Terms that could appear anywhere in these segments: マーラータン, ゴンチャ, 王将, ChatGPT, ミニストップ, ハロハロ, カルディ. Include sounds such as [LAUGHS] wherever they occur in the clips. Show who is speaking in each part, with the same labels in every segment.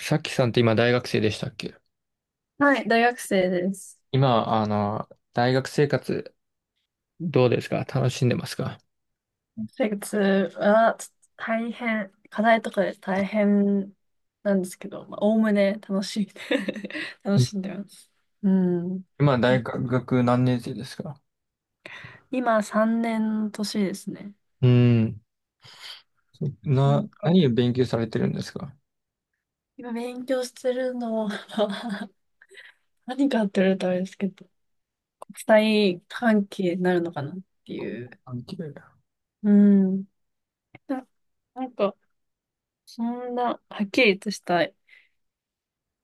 Speaker 1: さっきさんって今大学生でしたっけ？
Speaker 2: はい、大学生です。
Speaker 1: 今、大学生活どうですか？楽しんでますか？
Speaker 2: 生活はちょっと大変、課題とかで大変なんですけど、まあ、おおむね楽しい。[LAUGHS] 楽
Speaker 1: うん。
Speaker 2: しんでます。うん。
Speaker 1: 今、大学何年生ですか？
Speaker 2: 今3年の年ですね。
Speaker 1: うん。
Speaker 2: なんか、
Speaker 1: 何を勉強されてるんですか？
Speaker 2: 今勉強してるのは [LAUGHS] 何かって言われたらあれですけど、国際関係になるのかなっていう。
Speaker 1: 関係。
Speaker 2: うん。な、なんか、そんなはっきりとした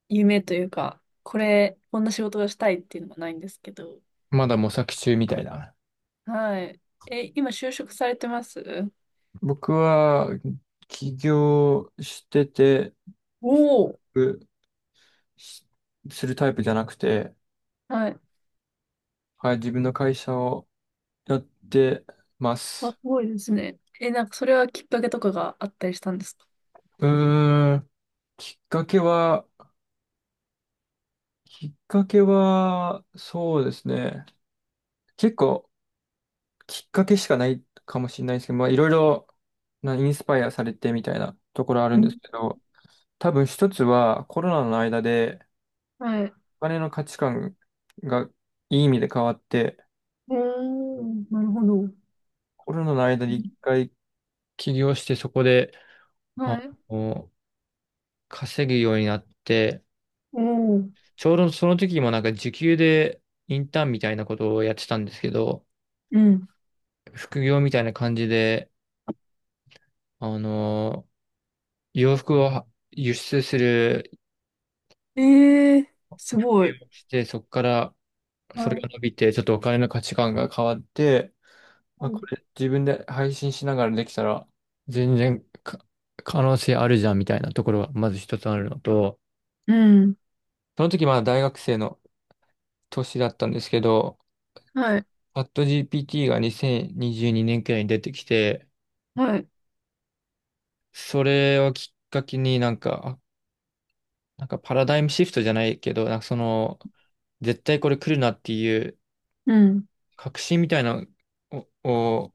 Speaker 2: 夢というか、こんな仕事がしたいっていうのがないんですけど。
Speaker 1: まだ模索中みたいな。
Speaker 2: はい。え、今就職されてます？
Speaker 1: 僕は起業してて、
Speaker 2: おおー。
Speaker 1: うしするタイプじゃなくて、
Speaker 2: はい。
Speaker 1: はい、自分の会社をやってま
Speaker 2: あ、
Speaker 1: す。
Speaker 2: すごいですね。え、なんかそれはきっかけとかがあったりしたんですか？
Speaker 1: うーん、きっかけは、きっかけは、そうですね。結構、きっかけしかないかもしれないですけど、まあ、いろいろなインスパイアされてみたいなところある
Speaker 2: う
Speaker 1: んで
Speaker 2: ん。
Speaker 1: すけど、多分一つはコロナの間で
Speaker 2: はい。
Speaker 1: お金の価値観がいい意味で変わって、
Speaker 2: おー、なるほど。う
Speaker 1: コロナの間に一
Speaker 2: ん。
Speaker 1: 回起業してそこで、まあ
Speaker 2: はい。
Speaker 1: の、稼ぐようになって、
Speaker 2: おー、
Speaker 1: ちょうどその時もなんか時給でインターンみたいなことをやってたんですけど、
Speaker 2: うん。
Speaker 1: 副業みたいな感じで、あの洋服を輸出する、
Speaker 2: えー、すごい。
Speaker 1: して、そこからそ
Speaker 2: は
Speaker 1: れ
Speaker 2: い。
Speaker 1: が伸びて、ちょっとお金の価値観が変わって、
Speaker 2: は
Speaker 1: まあ、
Speaker 2: い。
Speaker 1: これ自分で配信しながらできたら、全然可能性あるじゃんみたいなところがまず一つあるのと、
Speaker 2: うん。
Speaker 1: その時まだ大学生の年だったんですけど、
Speaker 2: はい。
Speaker 1: チャット GPT が2022年くらいに出てきて、
Speaker 2: はい。
Speaker 1: それをきっかけになんか、なんかパラダイムシフトじゃないけど、なんかその、絶対これ来るなっていう
Speaker 2: うん。
Speaker 1: 確信みたいなを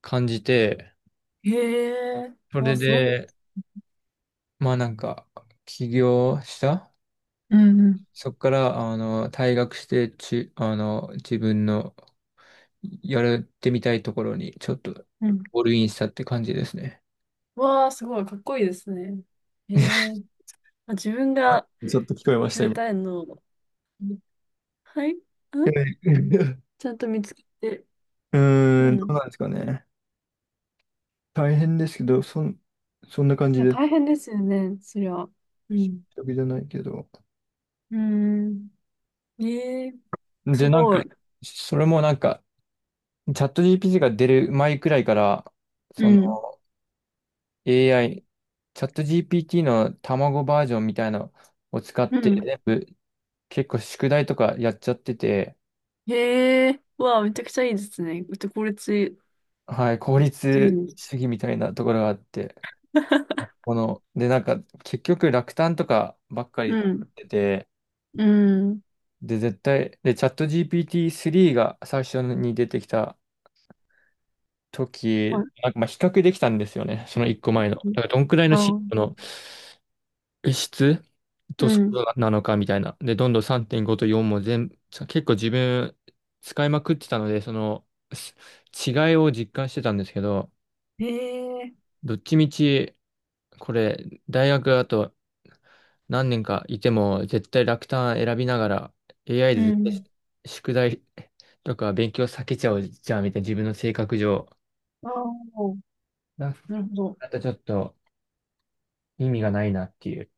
Speaker 1: 感じて、
Speaker 2: へえ
Speaker 1: そ
Speaker 2: ー、わ
Speaker 1: れ
Speaker 2: あ、すごい。
Speaker 1: で、まあなんか、起業した。
Speaker 2: うんうん。
Speaker 1: そこから、退学して、自分のやってみたいところに、ちょっと、
Speaker 2: うん。
Speaker 1: オールインしたって感じですね。
Speaker 2: わあ、すごい。かっこいいですね。へ
Speaker 1: [LAUGHS]
Speaker 2: え。まあ、自分が
Speaker 1: ちょっと聞こえまし
Speaker 2: や
Speaker 1: た、
Speaker 2: り
Speaker 1: 今。
Speaker 2: たいのを、はい、
Speaker 1: [LAUGHS]
Speaker 2: ちゃんと見つけて。
Speaker 1: うー
Speaker 2: う
Speaker 1: ん、どう
Speaker 2: ん。
Speaker 1: なんですかね。大変ですけど、そんな感
Speaker 2: い
Speaker 1: じ
Speaker 2: や、
Speaker 1: で、
Speaker 2: 大変ですよね、そりゃ。うん。
Speaker 1: 時じゃないけど。
Speaker 2: うーん。ええ、す
Speaker 1: で、なん
Speaker 2: ごい。
Speaker 1: か、それもなんか、チャット GPT が出る前くらいから、
Speaker 2: う
Speaker 1: その
Speaker 2: ん。
Speaker 1: AI、チャット GPT の卵バージョンみたいなのを使っ
Speaker 2: う
Speaker 1: て
Speaker 2: ん。
Speaker 1: 全部結構宿題とかやっちゃってて、
Speaker 2: へえ。うわあ、めちゃくちゃいいですね。うち、効率い
Speaker 1: はい、効
Speaker 2: い [LAUGHS]
Speaker 1: 率
Speaker 2: んです。
Speaker 1: 主義みたいなところがあって、
Speaker 2: [LAUGHS]
Speaker 1: で、なんか結局落胆とかばっか
Speaker 2: う
Speaker 1: り
Speaker 2: ん。
Speaker 1: 出て、
Speaker 2: うん。
Speaker 1: で、絶対、で、チャット GPT3 が最初に出てきた
Speaker 2: あ、
Speaker 1: 時、なんかまあ比較できたんですよね、その1個前の。だからどんくらいの進歩
Speaker 2: あ、
Speaker 1: の質
Speaker 2: う
Speaker 1: と速
Speaker 2: ん。
Speaker 1: 度なのかみたいな。で、どんどん3.5と4も全部、結構自分使いまくってたので、そのす違いを実感してたんですけど、
Speaker 2: へえ。
Speaker 1: どっちみち、これ、大学あと何年かいても絶対楽単選びながら AI
Speaker 2: う
Speaker 1: で絶
Speaker 2: ん。
Speaker 1: 対宿題とか勉強避けちゃうじゃんみたいな自分の性格上。
Speaker 2: ああ、
Speaker 1: だ
Speaker 2: なるほど。
Speaker 1: だとちょっと意味がないなっていう。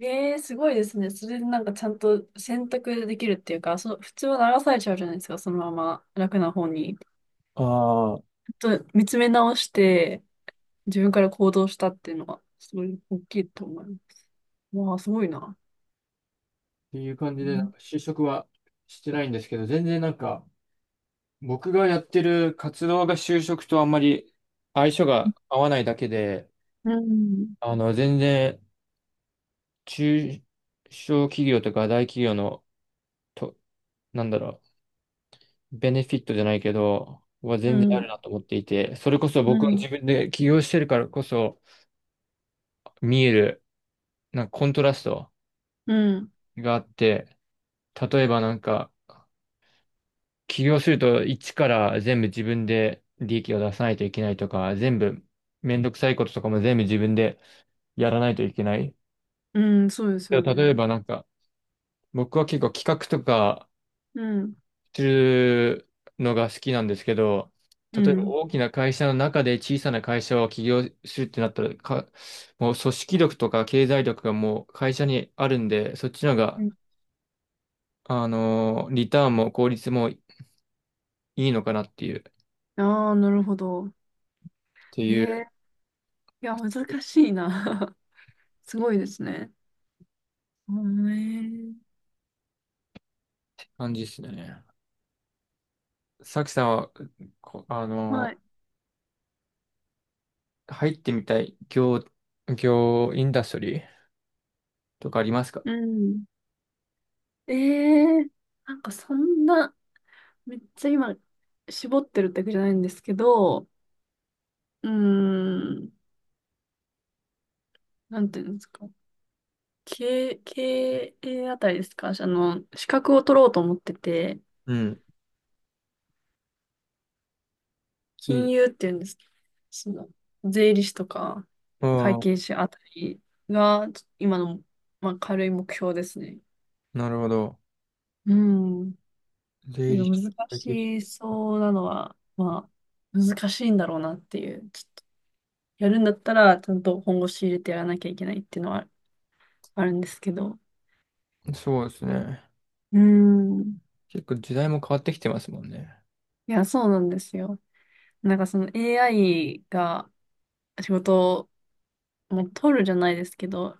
Speaker 2: ええ、すごいですね。それでなんかちゃんと選択できるっていうか、普通は流されちゃうじゃないですか、そのまま楽な方に。
Speaker 1: あ
Speaker 2: ちょっと見つめ直して、自分から行動したっていうのは、すごい大きいと思います。わあ、すごいな。
Speaker 1: っていう感じ
Speaker 2: う
Speaker 1: で、なん
Speaker 2: ん、
Speaker 1: か就職はしてないんですけど、全然なんか、僕がやってる活動が就職とあんまり相性が合わないだけで、
Speaker 2: うん、
Speaker 1: 全然中小企業とか大企業の、と、なんだろう、ベネフィットじゃないけど、は
Speaker 2: う
Speaker 1: 全然ある
Speaker 2: ん、
Speaker 1: なと思っていて、それこそ
Speaker 2: う
Speaker 1: 僕は
Speaker 2: ん、
Speaker 1: 自分で起業してるからこそ見える、なんかコントラスト
Speaker 2: うん、
Speaker 1: があって、例えばなんか、起業すると一から全部自分で利益を出さないといけないとか、全部めんどくさいこととかも全部自分でやらないといけない。
Speaker 2: うん。そうです
Speaker 1: で
Speaker 2: よ
Speaker 1: も例え
Speaker 2: ね。
Speaker 1: ばなんか、僕は結構企画とか
Speaker 2: うん、
Speaker 1: するのが好きなんですけど、
Speaker 2: う
Speaker 1: 例えば
Speaker 2: ん。
Speaker 1: 大きな会社の中で小さな会社を起業するってなったら、もう組織力とか経済力がもう会社にあるんで、そっちの方が、リターンも効率もいいのかなっていう、
Speaker 2: ああー、なるほど。
Speaker 1: てい
Speaker 2: え
Speaker 1: う
Speaker 2: え、いや、難しいな。[LAUGHS] すごいですね。うん。ええ。
Speaker 1: 感じですね。さきさんは、こあ
Speaker 2: は
Speaker 1: の、
Speaker 2: い。
Speaker 1: 入ってみたいインダストリーとかありますか？
Speaker 2: うん。ええ、なんかそんな、めっちゃ今、絞ってるってわけじゃないんですけど、うーん、なんていうんですか。経営あたりですか。資格を取ろうと思ってて、
Speaker 1: うん。うん。
Speaker 2: 金融っていうんですけど、その、税理士とか、会
Speaker 1: あ
Speaker 2: 計士あたりが、今の、まあ、軽い目標ですね。
Speaker 1: あ、なるほど。
Speaker 2: うん。
Speaker 1: 税理
Speaker 2: 今
Speaker 1: 士。
Speaker 2: 難
Speaker 1: 会計士。
Speaker 2: しそうなのは、まあ、難しいんだろうなっていう。やるんだったら、ちゃんと本腰入れてやらなきゃいけないっていうのはあるんですけど。
Speaker 1: そうですね。
Speaker 2: うーん。
Speaker 1: 結構時代も変わってきてますもんね。
Speaker 2: いや、そうなんですよ。なんかその AI が仕事を、もう取るじゃないですけど、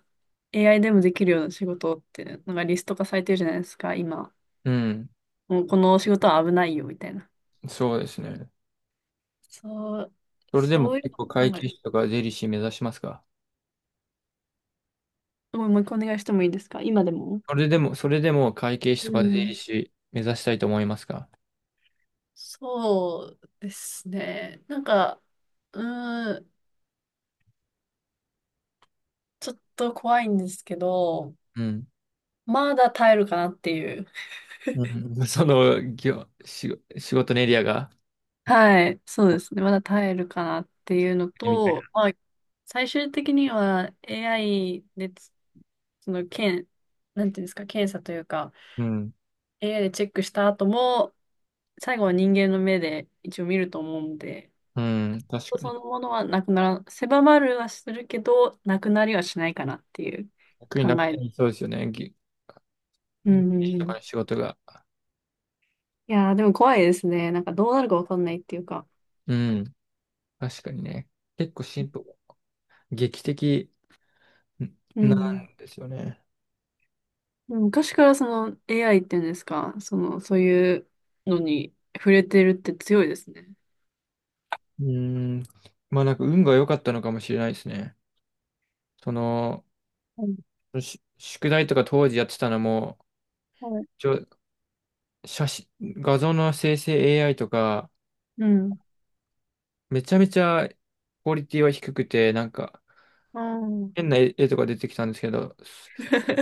Speaker 2: AI でもできるような仕事って、なんかリスト化されてるじゃないですか、今。
Speaker 1: うん。
Speaker 2: もうこの仕事は危ないよ、みたいな。
Speaker 1: そうですね。
Speaker 2: そう、
Speaker 1: それでも
Speaker 2: そういう
Speaker 1: 結構
Speaker 2: の
Speaker 1: 会
Speaker 2: を考え
Speaker 1: 計
Speaker 2: る。
Speaker 1: 士とか税理士目指しますか？
Speaker 2: もう一回お願いしてもいいですか、今でも？
Speaker 1: それでも会計士
Speaker 2: う
Speaker 1: とか税理
Speaker 2: ん。
Speaker 1: 士目指したいと思いますか？
Speaker 2: そうですね。なんか、うーん、ちょっと怖いんですけど、
Speaker 1: うん。
Speaker 2: まだ耐えるかなっていう。
Speaker 1: うん、[LAUGHS] その仕事のエリアが
Speaker 2: はい、そうですね。まだ耐えるかなっていうの
Speaker 1: みたいな。
Speaker 2: と、まあ最終的には AI でその、検、なんていうんですか、検査というか、
Speaker 1: うん。
Speaker 2: AI でチェックした後も、最後は人間の目で一応見ると思うんで、
Speaker 1: うん。確か
Speaker 2: そ
Speaker 1: に。
Speaker 2: のものはなくなら、狭まるはするけど、なくなりはしないかなっていう
Speaker 1: 逆に
Speaker 2: 考
Speaker 1: 楽
Speaker 2: え。
Speaker 1: にそうですよね。
Speaker 2: うんうん
Speaker 1: と
Speaker 2: うん。
Speaker 1: かの
Speaker 2: い
Speaker 1: 仕事が。
Speaker 2: やー、でも怖いですね。なんかどうなるかわかんないっていうか。
Speaker 1: うん。確かにね。結構進歩、劇的
Speaker 2: う
Speaker 1: な
Speaker 2: ん。
Speaker 1: んですよね。
Speaker 2: でも昔からその AI っていうんですか、そういうのに触れてるって強いですね。
Speaker 1: うん。まあなんか運が良かったのかもしれないですね。その、
Speaker 2: はい。
Speaker 1: 宿題とか当時やってたのも、
Speaker 2: はい。
Speaker 1: ちょ、写真、画像の生成 AI とか、
Speaker 2: うん。
Speaker 1: めちゃめちゃクオリティは低くて、なんか
Speaker 2: あー
Speaker 1: 変な絵とか出てきたんですけど、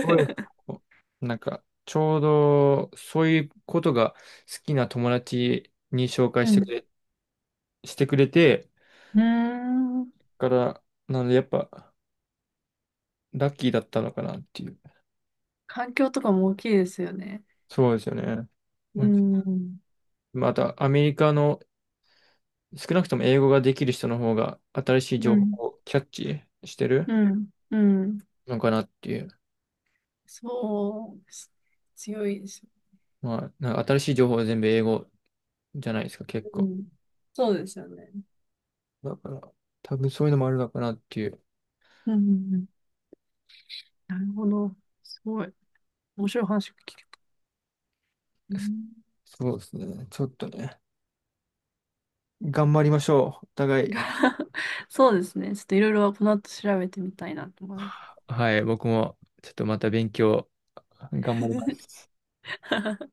Speaker 1: こういう のなんか、ちょうど、そういうことが好きな友達に紹介
Speaker 2: う
Speaker 1: し
Speaker 2: ん。
Speaker 1: てく
Speaker 2: う
Speaker 1: れ、してくれて、
Speaker 2: ーん。
Speaker 1: から、なので、やっぱ、ラッキーだったのかなっていう。
Speaker 2: 環境とかも大きいですよね。
Speaker 1: そうですよね。
Speaker 2: う
Speaker 1: ま、
Speaker 2: ん。
Speaker 1: また、アメリカの、少なくとも英語ができる人の方が、新しい
Speaker 2: う
Speaker 1: 情
Speaker 2: ん。
Speaker 1: 報をキャッチしてる
Speaker 2: うん。うん。
Speaker 1: のかなっていう。
Speaker 2: そうです。強いですよ。
Speaker 1: まあ、なんか新しい情報は全部英語じゃないですか、結
Speaker 2: う
Speaker 1: 構。
Speaker 2: ん。そうですよね。
Speaker 1: だから、多分そういうのもあるのかなっていう。
Speaker 2: うんうんうん。なるほど。すごい。面白い話を聞けた。うん
Speaker 1: そうですね。ちょっとね。頑張りましょう。お互い。
Speaker 2: [LAUGHS] そうですね。ちょっといろいろこの後調べてみたいなと思います。
Speaker 1: はい、僕もちょっとまた勉強頑張ります。
Speaker 2: [LAUGHS] は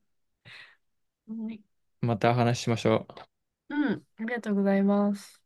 Speaker 2: い。
Speaker 1: また話しましょう。
Speaker 2: [LAUGHS] うん、ありがとうございます。